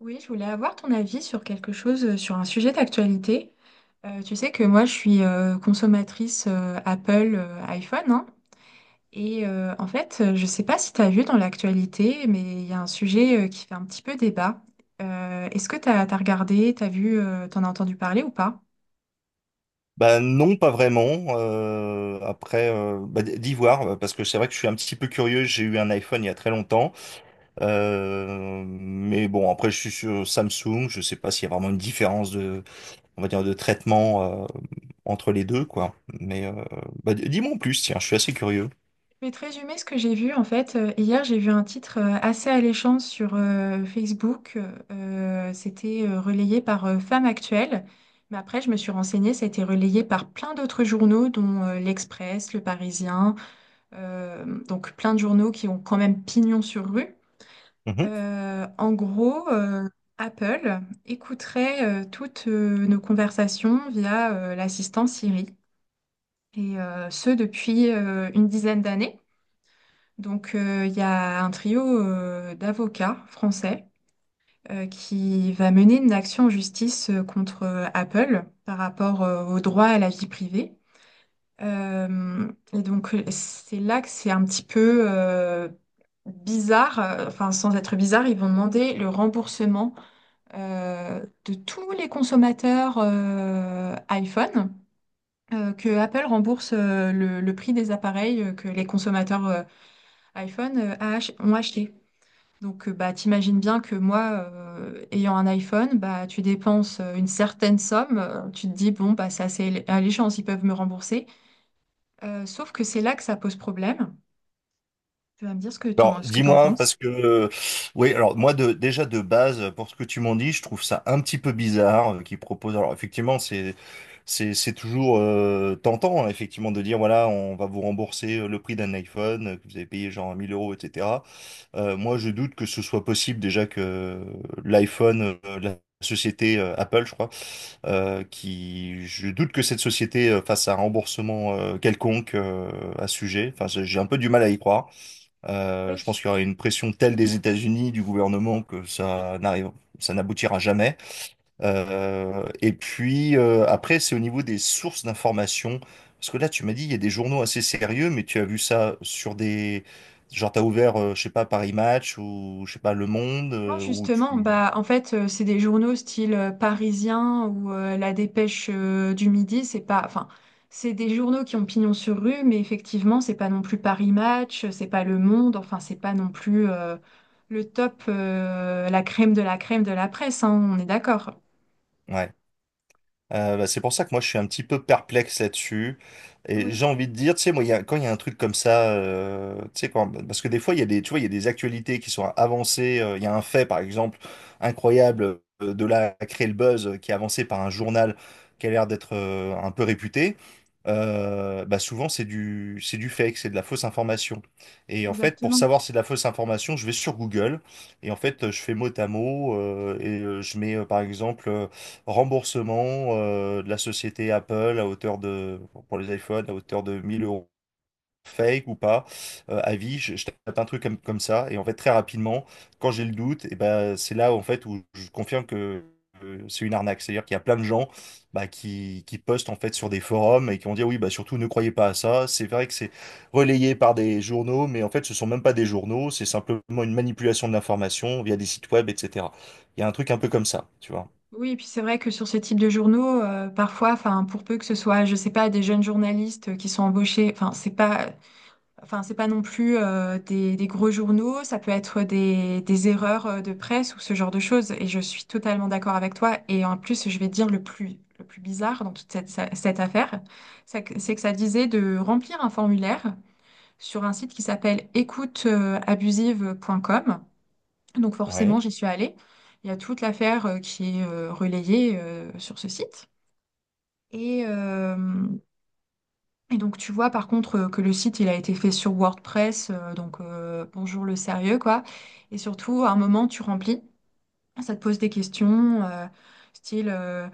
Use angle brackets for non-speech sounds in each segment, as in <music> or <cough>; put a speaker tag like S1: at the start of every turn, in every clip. S1: Oui, je voulais avoir ton avis sur quelque chose, sur un sujet d'actualité. Tu sais que moi, je suis consommatrice Apple iPhone, hein. Et en fait, je ne sais pas si tu as vu dans l'actualité, mais il y a un sujet qui fait un petit peu débat. Est-ce que tu as regardé, tu as vu, tu en as entendu parler ou pas?
S2: Bah non, pas vraiment. Après, bah, d'y voir, parce que c'est vrai que je suis un petit peu curieux. J'ai eu un iPhone il y a très longtemps, mais bon, après je suis sur Samsung. Je sais pas s'il y a vraiment une différence de, on va dire, de traitement entre les deux, quoi. Mais bah, dis-moi en plus, tiens, je suis assez curieux.
S1: Je vais te résumer ce que j'ai vu. En fait, hier, j'ai vu un titre assez alléchant sur Facebook. C'était relayé par Femme Actuelle. Mais après, je me suis renseignée, ça a été relayé par plein d'autres journaux, dont l'Express, Le Parisien. Donc, plein de journaux qui ont quand même pignon sur rue. En gros, Apple écouterait toutes nos conversations via l'assistant Siri. Et ce, depuis une dizaine d'années. Donc, il y a un trio d'avocats français qui va mener une action en justice contre Apple par rapport au droit à la vie privée. Euh, et donc, c'est là que c'est un petit peu bizarre, enfin, sans être bizarre, ils vont demander le remboursement de tous les consommateurs iPhone. Que Apple rembourse le prix des appareils que les consommateurs iPhone ont acheté. Donc, bah, t'imagines bien que moi, ayant un iPhone, bah, tu dépenses une certaine somme, tu te dis, bon, bah, c'est alléchant, ils peuvent me rembourser. Sauf que c'est là que ça pose problème. Tu vas me dire ce que
S2: Alors,
S1: t'en
S2: dis-moi,
S1: penses.
S2: parce que, oui, alors moi, déjà de base, pour ce que tu m'en dis, je trouve ça un petit peu bizarre qu'ils proposent. Alors, effectivement, c'est toujours tentant, hein, effectivement, de dire, voilà, on va vous rembourser le prix d'un iPhone que vous avez payé genre 1 000 euros, etc. Moi, je doute que ce soit possible déjà que l'iPhone, la société Apple, je crois, je doute que cette société fasse un remboursement quelconque à ce sujet. Enfin, j'ai un peu du mal à y croire. Je pense
S1: Oui.
S2: qu'il y aura une pression telle des États-Unis, du gouvernement, que ça n'arrive, ça n'aboutira jamais. Et puis après, c'est au niveau des sources d'information. Parce que là, tu m'as dit, il y a des journaux assez sérieux, mais tu as vu ça sur des... Genre, t'as ouvert, je sais pas, Paris Match ou, je sais pas, Le Monde,
S1: Non,
S2: ou
S1: justement,
S2: tu...
S1: bah en fait, c'est des journaux style Parisien ou La Dépêche du Midi, c'est pas enfin, c'est des journaux qui ont pignon sur rue, mais effectivement, c'est pas non plus Paris Match, c'est pas Le Monde, enfin, c'est pas non plus le top la crème de la crème de la presse, hein, on est d'accord.
S2: Ouais. Bah, c'est pour ça que moi je suis un petit peu perplexe là-dessus. Et
S1: Oui,
S2: j'ai envie de dire, tu sais, moi, quand il y a un truc comme ça, tu sais, parce que des fois, il y a des, tu vois, il y a des actualités qui sont avancées. Il y a un fait, par exemple, incroyable, de là à créer le buzz, qui est avancé par un journal qui a l'air d'être un peu réputé. Bah souvent, c'est du fake, c'est de la fausse information. Et en fait, pour
S1: exactement.
S2: savoir si c'est de la fausse information, je vais sur Google et en fait, je fais mot à mot et je mets, par exemple. Remboursement de la société Apple pour les iPhones, à hauteur de 1 000 euros. Fake ou pas, avis, je tape un truc comme ça, et en fait, très rapidement, quand j'ai le doute, et ben, c'est là en fait où je confirme que c'est une arnaque. C'est-à-dire qu'il y a plein de gens bah, qui postent en fait sur des forums et qui vont dire oui, bah, surtout ne croyez pas à ça. C'est vrai que c'est relayé par des journaux, mais en fait, ce sont même pas des journaux, c'est simplement une manipulation de l'information via des sites web, etc. Il y a un truc un peu comme ça, tu vois.
S1: Oui, et puis c'est vrai que sur ce type de journaux, parfois, enfin, pour peu que ce soit, je sais pas, des jeunes journalistes qui sont embauchés, enfin, c'est pas enfin, c'est pas non plus des gros journaux, ça peut être des erreurs de presse ou ce genre de choses. Et je suis totalement d'accord avec toi. Et en plus, je vais te dire le plus bizarre dans cette affaire, c'est que ça disait de remplir un formulaire sur un site qui s'appelle écouteabusive.com. Donc forcément,
S2: Ouais.
S1: j'y suis allée. Il y a toute l'affaire qui est relayée sur ce site. Et et donc tu vois par contre que le site il a été fait sur WordPress, donc bonjour le sérieux quoi. Et surtout à un moment tu remplis, ça te pose des questions, euh, style euh,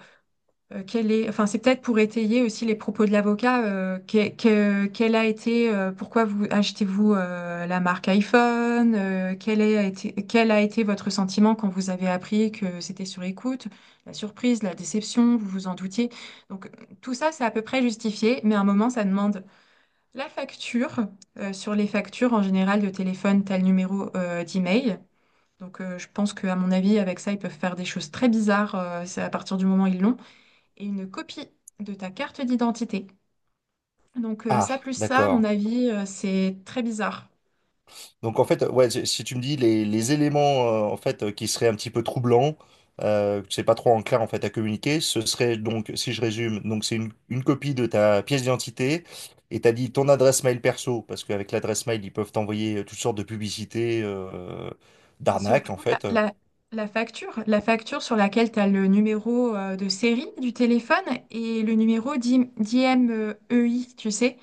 S1: euh, quel est, enfin c'est peut-être pour étayer aussi les propos de l'avocat, quel a été, pourquoi vous achetez-vous la marque iPhone, quel a été votre sentiment quand vous avez appris que c'était sur écoute, la surprise, la déception, vous vous en doutiez. Donc tout ça c'est à peu près justifié, mais à un moment ça demande. La facture, sur les factures en général de téléphone, t'as le numéro d'email. Donc je pense qu'à mon avis, avec ça, ils peuvent faire des choses très bizarres. C'est à partir du moment où ils l'ont. Et une copie de ta carte d'identité. Donc ça
S2: Ah,
S1: plus ça, à mon
S2: d'accord.
S1: avis, c'est très bizarre.
S2: Donc en fait, ouais, si tu me dis les éléments en fait qui seraient un petit peu troublants, que c'est pas trop en clair en fait à communiquer, ce serait donc, si je résume, donc c'est une copie de ta pièce d'identité et t'as dit ton adresse mail perso parce qu'avec l'adresse mail ils peuvent t'envoyer toutes sortes de publicités
S1: Et
S2: d'arnaques en
S1: surtout, la,
S2: fait.
S1: la- la facture, la facture sur laquelle tu as le numéro de série du téléphone et le numéro d'IMEI, tu sais.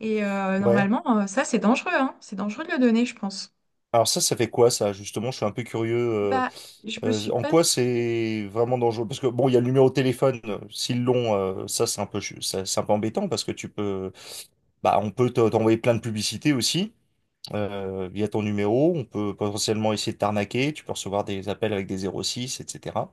S1: Et
S2: Ouais.
S1: normalement, ça, c'est dangereux, hein. C'est dangereux de le donner, je pense.
S2: Alors ça fait quoi ça justement? Je suis un peu curieux.
S1: Bah, je me suis
S2: En
S1: pas
S2: quoi
S1: trop...
S2: c'est vraiment dangereux? Parce que bon, il y a le numéro de téléphone. S'ils l'ont, ça, c'est un peu embêtant parce que tu peux. Bah, on peut t'envoyer plein de publicités aussi via ton numéro. On peut potentiellement essayer de t'arnaquer. Tu peux recevoir des appels avec des 06, etc.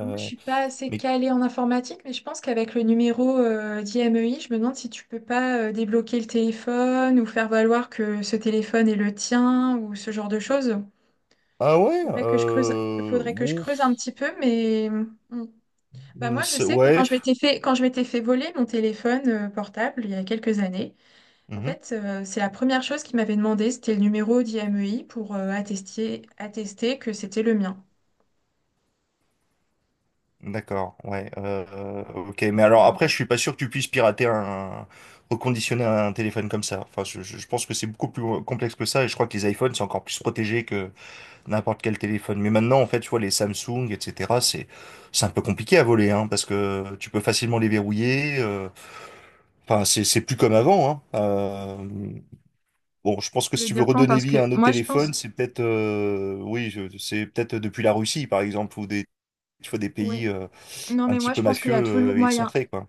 S1: Moi, je suis pas assez
S2: mais
S1: calée en informatique, mais je pense qu'avec le numéro d'IMEI, je me demande si tu peux pas débloquer le téléphone ou faire valoir que ce téléphone est le tien ou ce genre de choses.
S2: ah ouais,
S1: Faudrait que je creuse, faudrait que je creuse un
S2: ouf,
S1: petit peu, mais mm. Bah moi, je sais que
S2: ouais.
S1: quand je m'étais fait voler mon téléphone portable il y a quelques années, en
S2: Mhm.
S1: fait, c'est la première chose qu'ils m'avaient demandé, c'était le numéro d'IMEI pour attester que c'était le mien.
S2: D'accord, ouais. Ok, mais
S1: Donc,
S2: alors après, je
S1: voilà.
S2: suis pas sûr que tu puisses pirater reconditionner un téléphone comme ça. Enfin, je pense que c'est beaucoup plus complexe que ça, et je crois que les iPhones sont encore plus protégés que n'importe quel téléphone. Mais maintenant, en fait, tu vois, les Samsung, etc., c'est un peu compliqué à voler, hein, parce que tu peux facilement les verrouiller. Enfin, c'est plus comme avant, hein. Bon, je pense que
S1: Tu
S2: si
S1: veux
S2: tu veux
S1: dire quand?
S2: redonner
S1: Parce
S2: vie à
S1: que
S2: un autre
S1: moi, je pense,
S2: téléphone, c'est peut-être, oui, c'est peut-être depuis la Russie, par exemple, ou tu vois, des
S1: ouais.
S2: pays
S1: Non,
S2: un
S1: mais
S2: petit
S1: moi, je
S2: peu
S1: pense qu'il y
S2: mafieux,
S1: a toujours moyen.
S2: excentrés, quoi.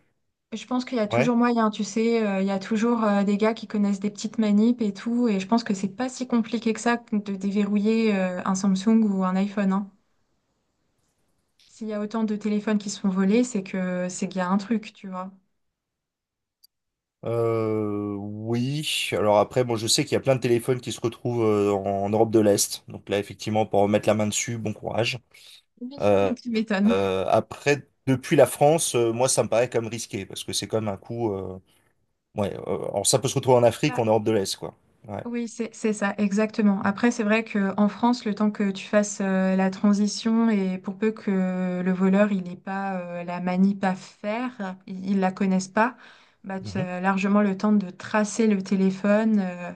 S1: Je pense qu'il y a
S2: Ouais.
S1: toujours moyen, tu sais. Il y a toujours des gars qui connaissent des petites manips et tout. Et je pense que c'est pas si compliqué que ça de déverrouiller un Samsung ou un iPhone, hein. S'il y a autant de téléphones qui se font voler, c'est que c'est qu'il y a un truc, tu vois.
S2: Oui. Alors après, bon, je sais qu'il y a plein de téléphones qui se retrouvent en Europe de l'Est. Donc là, effectivement, pour remettre la main dessus, bon courage.
S1: Oui.
S2: Euh,
S1: <laughs> Tu m'étonnes.
S2: Après, depuis la France, moi, ça me paraît comme risqué parce que c'est comme un coup. Ouais, alors ça peut se retrouver en Afrique,
S1: Bah,
S2: en Europe de l'Est, quoi. Ouais.
S1: oui, c'est ça, exactement. Après, c'est vrai que en France, le temps que tu fasses la transition et pour peu que le voleur, il n'ait pas la manip à faire, il ne la connaisse pas, bah, tu
S2: Mhm.
S1: as largement le temps de tracer le téléphone euh,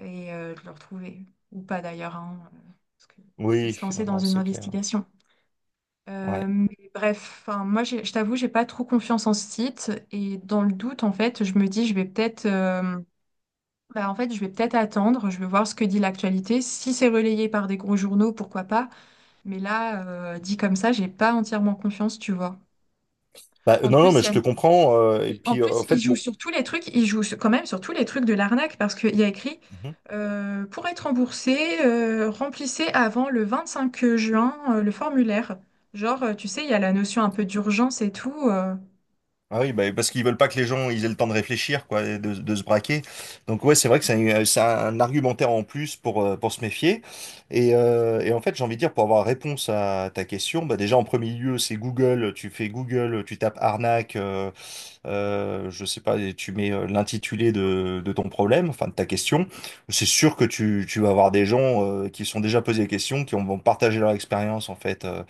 S1: et euh, de le retrouver. Ou pas d'ailleurs, hein, parce que c'est
S2: Oui,
S1: se lancer
S2: non,
S1: dans
S2: non,
S1: une
S2: c'est clair.
S1: investigation.
S2: Ouais.
S1: Mais bref, enfin, moi, je t'avoue, j'ai pas trop confiance en ce site et dans le doute, en fait, je me dis, je vais peut-être... Bah, en fait, je vais peut-être attendre, je vais voir ce que dit l'actualité. Si c'est relayé par des gros journaux, pourquoi pas. Mais là, dit comme ça, j'ai pas entièrement confiance, tu vois.
S2: Bah,
S1: En
S2: non, non,
S1: plus,
S2: mais
S1: il y
S2: je
S1: a...
S2: te comprends. Et
S1: En
S2: puis,
S1: plus,
S2: en
S1: ils
S2: fait,
S1: jouent
S2: bon.
S1: sur tous les trucs, quand même sur tous les trucs de l'arnaque parce qu'il y a écrit pour être remboursé, remplissez avant le 25 juin le formulaire. Genre, tu sais, il y a la notion un peu d'urgence et tout.
S2: Ah oui, bah, parce qu'ils veulent pas que les gens ils aient le temps de réfléchir, quoi, et de se braquer. Donc ouais, c'est vrai que c'est un argumentaire en plus pour se méfier. Et en fait, j'ai envie de dire, pour avoir réponse à ta question, bah déjà en premier lieu, c'est Google. Tu fais Google, tu tapes arnaque, je sais pas, et tu mets l'intitulé de ton problème, enfin de ta question. C'est sûr que tu vas avoir des gens qui se sont déjà posés des questions, vont partager leur expérience en fait.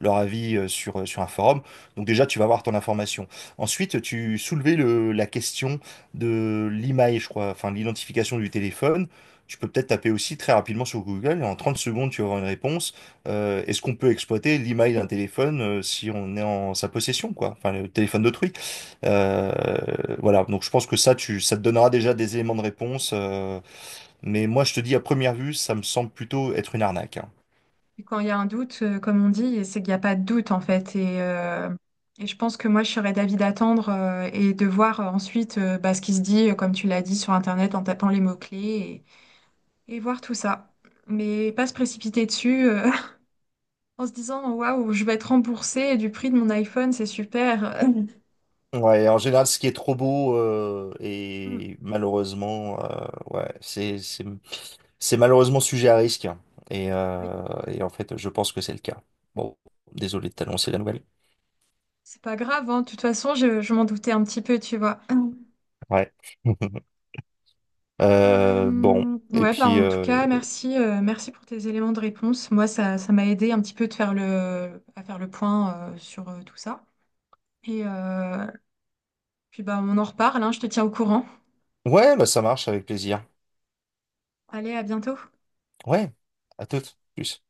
S2: Leur avis sur un forum. Donc déjà, tu vas avoir ton information. Ensuite, tu soulevais la question de l'email, je crois, enfin l'identification du téléphone. Tu peux peut-être taper aussi très rapidement sur Google et en 30 secondes, tu vas avoir une réponse. Est-ce qu'on peut exploiter l'email d'un téléphone si on est en sa possession, quoi? Enfin, le téléphone d'autrui. Euh, voilà, donc je pense que ça, ça te donnera déjà des éléments de réponse. Mais moi, je te dis, à première vue, ça me semble plutôt être une arnaque, hein.
S1: Et quand il y a un doute, comme on dit, c'est qu'il n'y a pas de doute en fait. Et et je pense que moi, je serais d'avis d'attendre et de voir ensuite bah, ce qui se dit, comme tu l'as dit, sur Internet en tapant les mots-clés et voir tout ça. Mais pas se précipiter dessus <laughs> en se disant, waouh, je vais être remboursée du prix de mon iPhone, c'est super. <laughs>
S2: Ouais, en général, ce qui est trop beau
S1: Mm. Mm.
S2: et malheureusement, ouais, c'est malheureusement sujet à risque, hein. Et,
S1: Oui,
S2: euh, et en fait, je pense que c'est le cas. Bon, désolé de t'annoncer la nouvelle.
S1: c'est pas grave, hein. De toute façon, je m'en doutais un petit peu, tu vois.
S2: Ouais. <laughs> Bon, et
S1: Ouais, bah,
S2: puis
S1: en tout cas, merci, merci pour tes éléments de réponse. Moi, ça m'a aidé un petit peu de faire à faire le point, sur, tout ça. Et puis bah, on en reparle, hein, je te tiens au courant.
S2: ouais, bah ça marche avec plaisir.
S1: Allez, à bientôt.
S2: Ouais, à toutes. Plus.